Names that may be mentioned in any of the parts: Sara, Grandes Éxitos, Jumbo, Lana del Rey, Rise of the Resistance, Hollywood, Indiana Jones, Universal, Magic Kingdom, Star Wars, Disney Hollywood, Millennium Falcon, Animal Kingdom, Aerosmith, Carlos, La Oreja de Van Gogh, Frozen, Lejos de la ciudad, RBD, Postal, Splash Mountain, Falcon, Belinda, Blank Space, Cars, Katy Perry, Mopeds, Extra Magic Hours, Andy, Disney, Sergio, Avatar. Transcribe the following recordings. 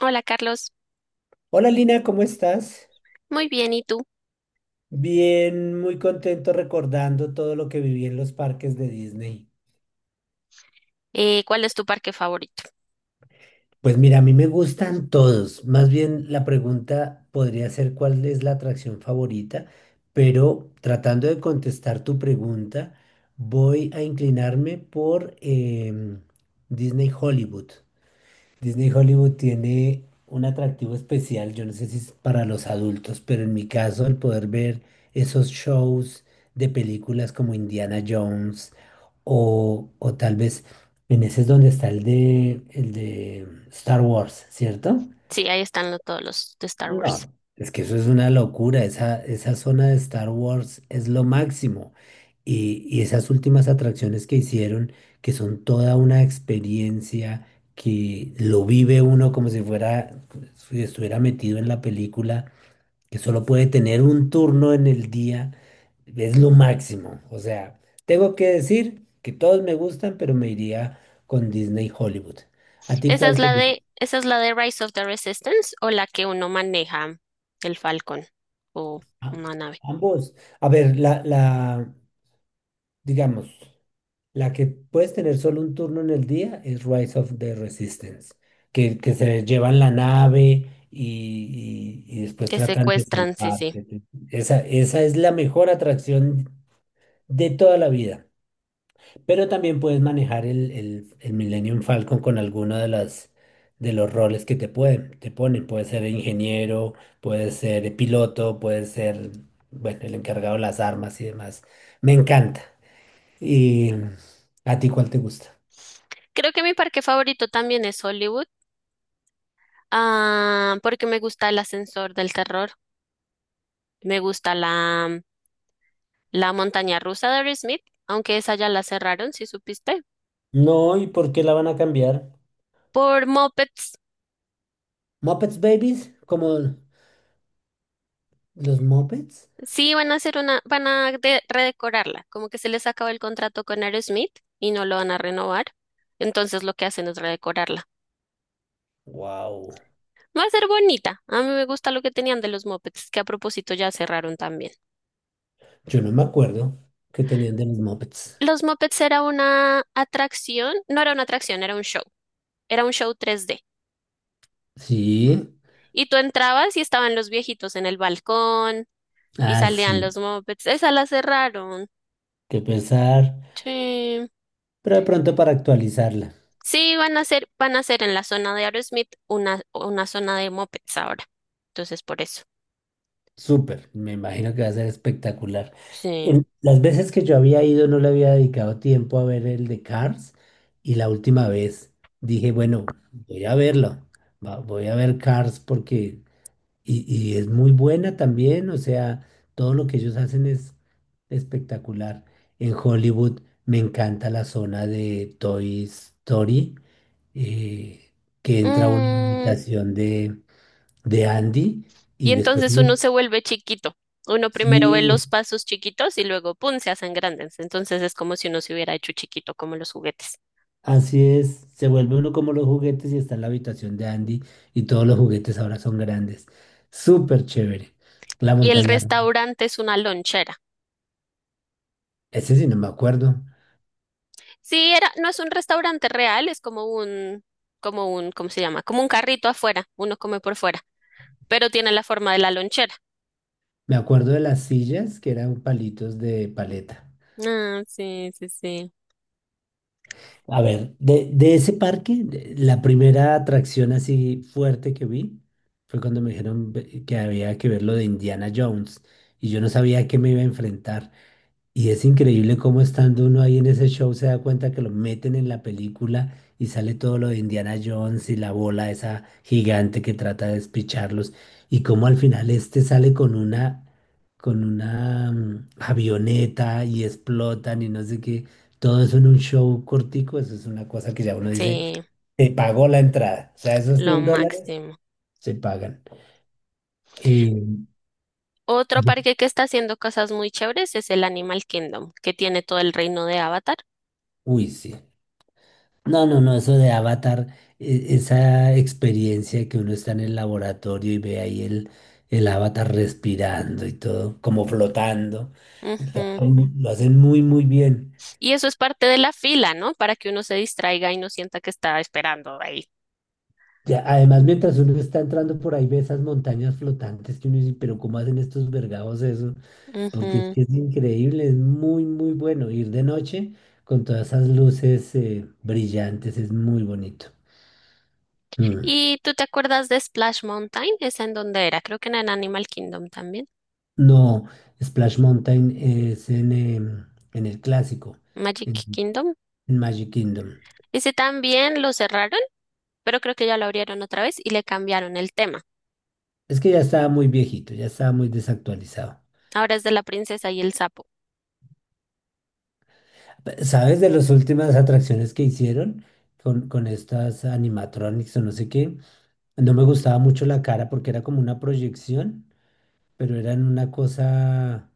Hola, Carlos. Hola Lina, ¿cómo estás? Muy bien, ¿y tú? Bien, muy contento recordando todo lo que viví en los parques de Disney. ¿Cuál es tu parque favorito? Pues mira, a mí me gustan todos. Más bien la pregunta podría ser cuál es la atracción favorita, pero tratando de contestar tu pregunta, voy a inclinarme por Disney Hollywood. Disney Hollywood tiene un atractivo especial, yo no sé si es para los adultos, pero en mi caso el poder ver esos shows de películas como Indiana Jones o tal vez en ese es donde está el de Star Wars, ¿cierto? Sí, ahí están todos los de Star Wars. No, es que eso es una locura. Esa zona de Star Wars es lo máximo. Y esas últimas atracciones que hicieron, que son toda una experiencia, que lo vive uno como si fuera, si estuviera metido en la película, que solo puede tener un turno en el día, es lo máximo. O sea, tengo que decir que todos me gustan, pero me iría con Disney Hollywood. ¿A ti ¿Esa cuál es te gusta? Esa es la de Rise of the Resistance, o la que uno maneja el Falcon o Ah, una nave ambos. A ver, digamos, la que puedes tener solo un turno en el día es Rise of the Resistance, que se llevan la nave y después que tratan de secuestran? Sí, sí. salvarte. Esa es la mejor atracción de toda la vida. Pero también puedes manejar el Millennium Falcon con alguno de las de los roles que te ponen. Puedes ser ingeniero, puedes ser piloto, puedes ser, bueno, el encargado de las armas y demás. Me encanta. ¿Y a ti cuál te gusta? Creo que mi parque favorito también es Hollywood. Ah, porque me gusta el ascensor del terror. Me gusta la montaña rusa de Aerosmith, aunque esa ya la cerraron, si supiste. No, ¿y por qué la van a cambiar? Por Mopeds, ¿Muppets Babies? ¿Como los Muppets? sí van a hacer una, van a redecorarla. Como que se les acabó el contrato con Aerosmith y no lo van a renovar. Entonces lo que hacen es redecorarla. Wow. Va a ser bonita. A mí me gusta lo que tenían de los Mopeds, que a propósito ya cerraron también. Yo no me acuerdo que tenían de los Muppets. Los Mopeds era una atracción, no era una atracción, era un show. Era un show 3D. Sí. Y tú entrabas y estaban los viejitos en el balcón y Ah, salían sí. los mopeds. Esa la cerraron. Qué pesar. Sí. Pero de pronto para actualizarla. Sí, van a ser en la zona de Aerosmith una zona de mopeds ahora. Entonces, por eso. Súper. Me imagino que va a ser espectacular. Sí. En, las veces que yo había ido no le había dedicado tiempo a ver el de Cars. Y la última vez dije, bueno, voy a verlo. Voy a ver Cars porque y es muy buena también, o sea, todo lo que ellos hacen es espectacular. En Hollywood me encanta la zona de Toy Story, eh, que entra una Mm, imitación de Andy y y después entonces uno uno, se vuelve chiquito. Uno primero ve sí, los pasos chiquitos y luego, ¡pum!, se hacen grandes. Entonces es como si uno se hubiera hecho chiquito, como los juguetes. así es, se vuelve uno como los juguetes y está en la habitación de Andy y todos los juguetes ahora son grandes. Súper chévere. La Y el montaña, restaurante es una lonchera. ese sí no me acuerdo. Sí, era, no es un restaurante real, es como como un, ¿cómo se llama? Como un carrito afuera, uno come por fuera, pero tiene la forma de la lonchera. Me acuerdo de las sillas que eran palitos de paleta. Ah, sí, sí, sí. A ver, de ese parque, la primera atracción así fuerte que vi fue cuando me dijeron que había que ver lo de Indiana Jones y yo no sabía a qué me iba a enfrentar. Y es increíble cómo estando uno ahí en ese show se da cuenta que lo meten en la película y sale todo lo de Indiana Jones y la bola esa gigante que trata de despicharlos y cómo al final este sale con una avioneta y explotan y no sé qué. Todo eso en un show cortico, eso es una cosa que ya uno dice, Sí, se pagó la entrada. O sea, esos lo $100 máximo. se pagan. Y, Otro parque que está haciendo cosas muy chéveres es el Animal Kingdom, que tiene todo el reino de Avatar. uy, sí. No, no, no, eso de Avatar, esa experiencia que uno está en el laboratorio y ve ahí el Avatar respirando y todo, como flotando, y lo, Ujú. Lo hacen muy, muy bien. Y eso es parte de la fila, ¿no? Para que uno se distraiga y no sienta que está esperando ahí. Ya, además, mientras uno está entrando por ahí, ve esas montañas flotantes que uno dice, pero ¿cómo hacen estos vergados eso? Porque es Ujú. que es increíble, es muy, muy bueno ir de noche con todas esas luces brillantes, es muy bonito. Mm. ¿Y tú te acuerdas de Splash Mountain? ¿Es en dónde era? Creo que en el Animal Kingdom también. No, Splash Mountain es en el clásico, en, Magic Kingdom. en Magic Kingdom. Ese también lo cerraron, pero creo que ya lo abrieron otra vez y le cambiaron el tema. Es que ya estaba muy viejito, ya estaba muy desactualizado. Ahora es de la princesa y el sapo. ¿Sabes de las últimas atracciones que hicieron con estas animatronics o no sé qué? No me gustaba mucho la cara porque era como una proyección, pero era en una cosa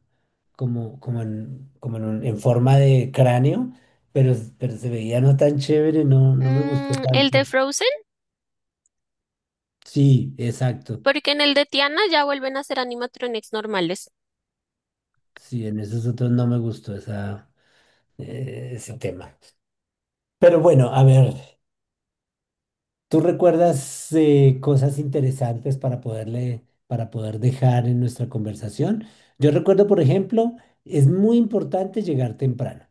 en forma de cráneo, pero se veía no tan chévere, no, no me gustó Mm, el de tanto. Frozen, Sí, exacto. porque en el de Tiana ya vuelven a ser animatronics normales. Sí, en esos otros no me gustó esa, ese tema. Pero bueno, a ver, ¿tú recuerdas cosas interesantes para para poder dejar en nuestra conversación? Yo recuerdo, por ejemplo, es muy importante llegar temprano.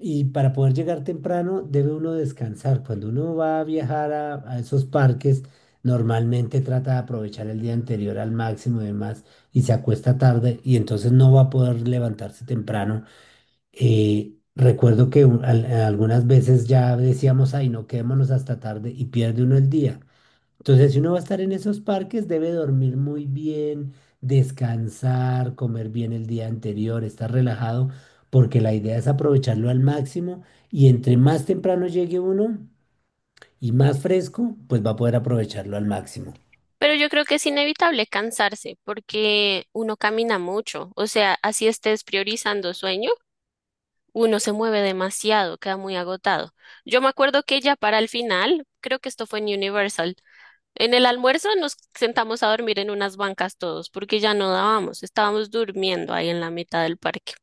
Y para poder llegar temprano debe uno descansar. Cuando uno va a viajar a esos parques, normalmente trata de aprovechar el día anterior al máximo y demás, y se acuesta tarde y entonces no va a poder levantarse temprano. Recuerdo que algunas veces ya decíamos, ay, no quedémonos hasta tarde y pierde uno el día. Entonces, si uno va a estar en esos parques, debe dormir muy bien, descansar, comer bien el día anterior, estar relajado, porque la idea es aprovecharlo al máximo y entre más temprano llegue uno y más fresco, pues va a poder aprovecharlo al máximo. Pero yo creo que es inevitable cansarse porque uno camina mucho. O sea, así estés priorizando sueño, uno se mueve demasiado, queda muy agotado. Yo me acuerdo que ya para el final, creo que esto fue en Universal. En el almuerzo nos sentamos a dormir en unas bancas todos, porque ya no dábamos, estábamos durmiendo ahí en la mitad del parque.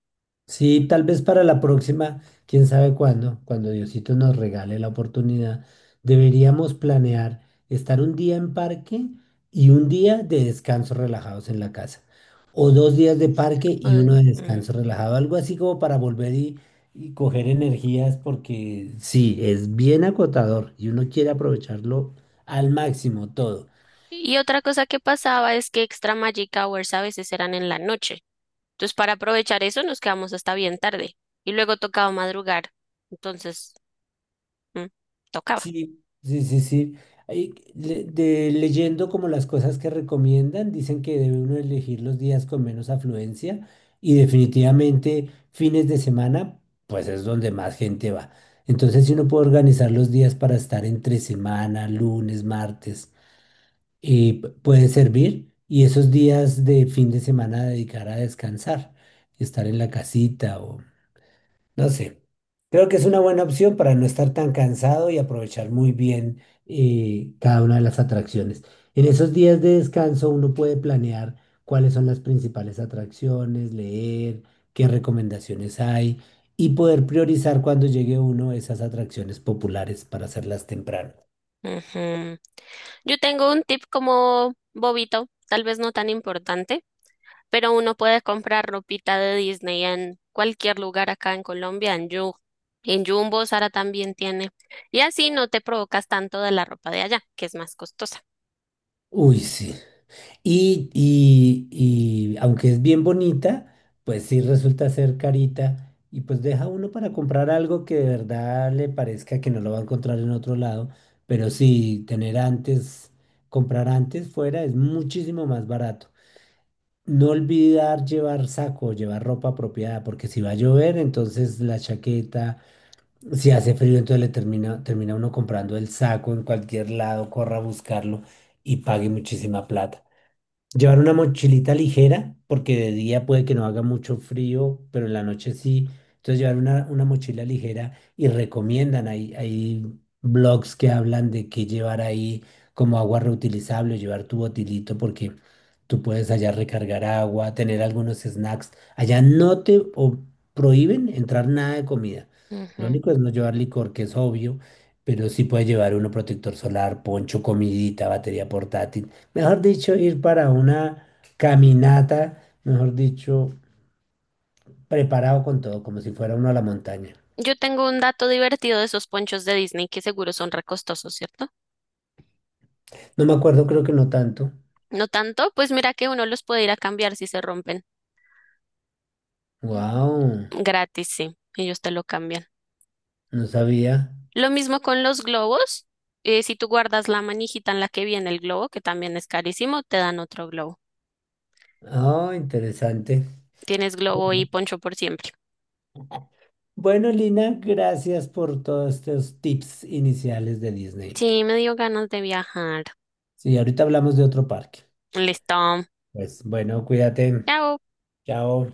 Sí, tal vez para la próxima, quién sabe cuándo, cuando Diosito nos regale la oportunidad, deberíamos planear estar un día en parque y un día de descanso relajados en la casa. O dos días de parque y uno Ay, de mm. descanso relajado, algo así como para volver y coger energías, porque sí, es bien acotador y uno quiere aprovecharlo al máximo todo. Y otra cosa que pasaba es que Extra Magic Hours a veces eran en la noche. Entonces, para aprovechar eso, nos quedamos hasta bien tarde. Y luego tocaba madrugar. Entonces, mm, tocaba. Sí, sí, sí, sí. Ahí leyendo como las cosas que recomiendan, dicen que debe uno elegir los días con menos afluencia y definitivamente fines de semana, pues es donde más gente va. Entonces, si uno puede organizar los días para estar entre semana, lunes, martes, puede servir y esos días de fin de semana dedicar a descansar, estar en la casita no sé, creo que es una buena opción para no estar tan cansado y aprovechar muy bien cada una de las atracciones. En esos días de descanso uno puede planear cuáles son las principales atracciones, leer qué recomendaciones hay y poder priorizar cuando llegue uno esas atracciones populares para hacerlas temprano. Ujú. Yo tengo un tip como bobito, tal vez no tan importante, pero uno puede comprar ropita de Disney en cualquier lugar acá en Colombia, en Yu, en Jumbo, Sara también tiene. Y así no te provocas tanto de la ropa de allá, que es más costosa. Uy, sí. Y aunque es bien bonita, pues sí resulta ser carita y pues deja uno para comprar algo que de verdad le parezca que no lo va a encontrar en otro lado, pero sí tener antes, comprar antes fuera es muchísimo más barato. No olvidar llevar saco, llevar ropa apropiada, porque si va a llover, entonces la chaqueta, si hace frío, entonces termina uno comprando el saco en cualquier lado, corra a buscarlo y pague muchísima plata. Llevar una mochilita ligera, porque de día puede que no haga mucho frío, pero en la noche sí. Entonces llevar una mochila ligera y recomiendan, hay blogs que hablan de que llevar ahí como agua reutilizable, llevar tu botilito, porque tú puedes allá recargar agua, tener algunos snacks. Allá no te o- prohíben entrar nada de comida. Lo Ujú. único es no llevar licor, que es obvio, pero sí puedes llevar uno protector solar, poncho, comidita, batería portátil. Mejor dicho, ir para una caminata, mejor dicho, preparado con todo, como si fuera uno a la montaña. Yo tengo un dato divertido de esos ponchos de Disney, que seguro son recostosos, ¿cierto? No me acuerdo, creo que no tanto. No tanto, pues mira que uno los puede ir a cambiar si se rompen. Wow, Gratis, sí, ellos te lo cambian. no sabía. Lo mismo con los globos. Si tú guardas la manijita en la que viene el globo, que también es carísimo, te dan otro globo. Oh, interesante. Tienes globo y Bueno, poncho por siempre. Bueno, Lina, gracias por todos estos tips iniciales de Disney. Sí, me dio ganas de viajar. Sí, ahorita hablamos de otro parque. Listo. Pues bueno, cuídate. Chao. Chao.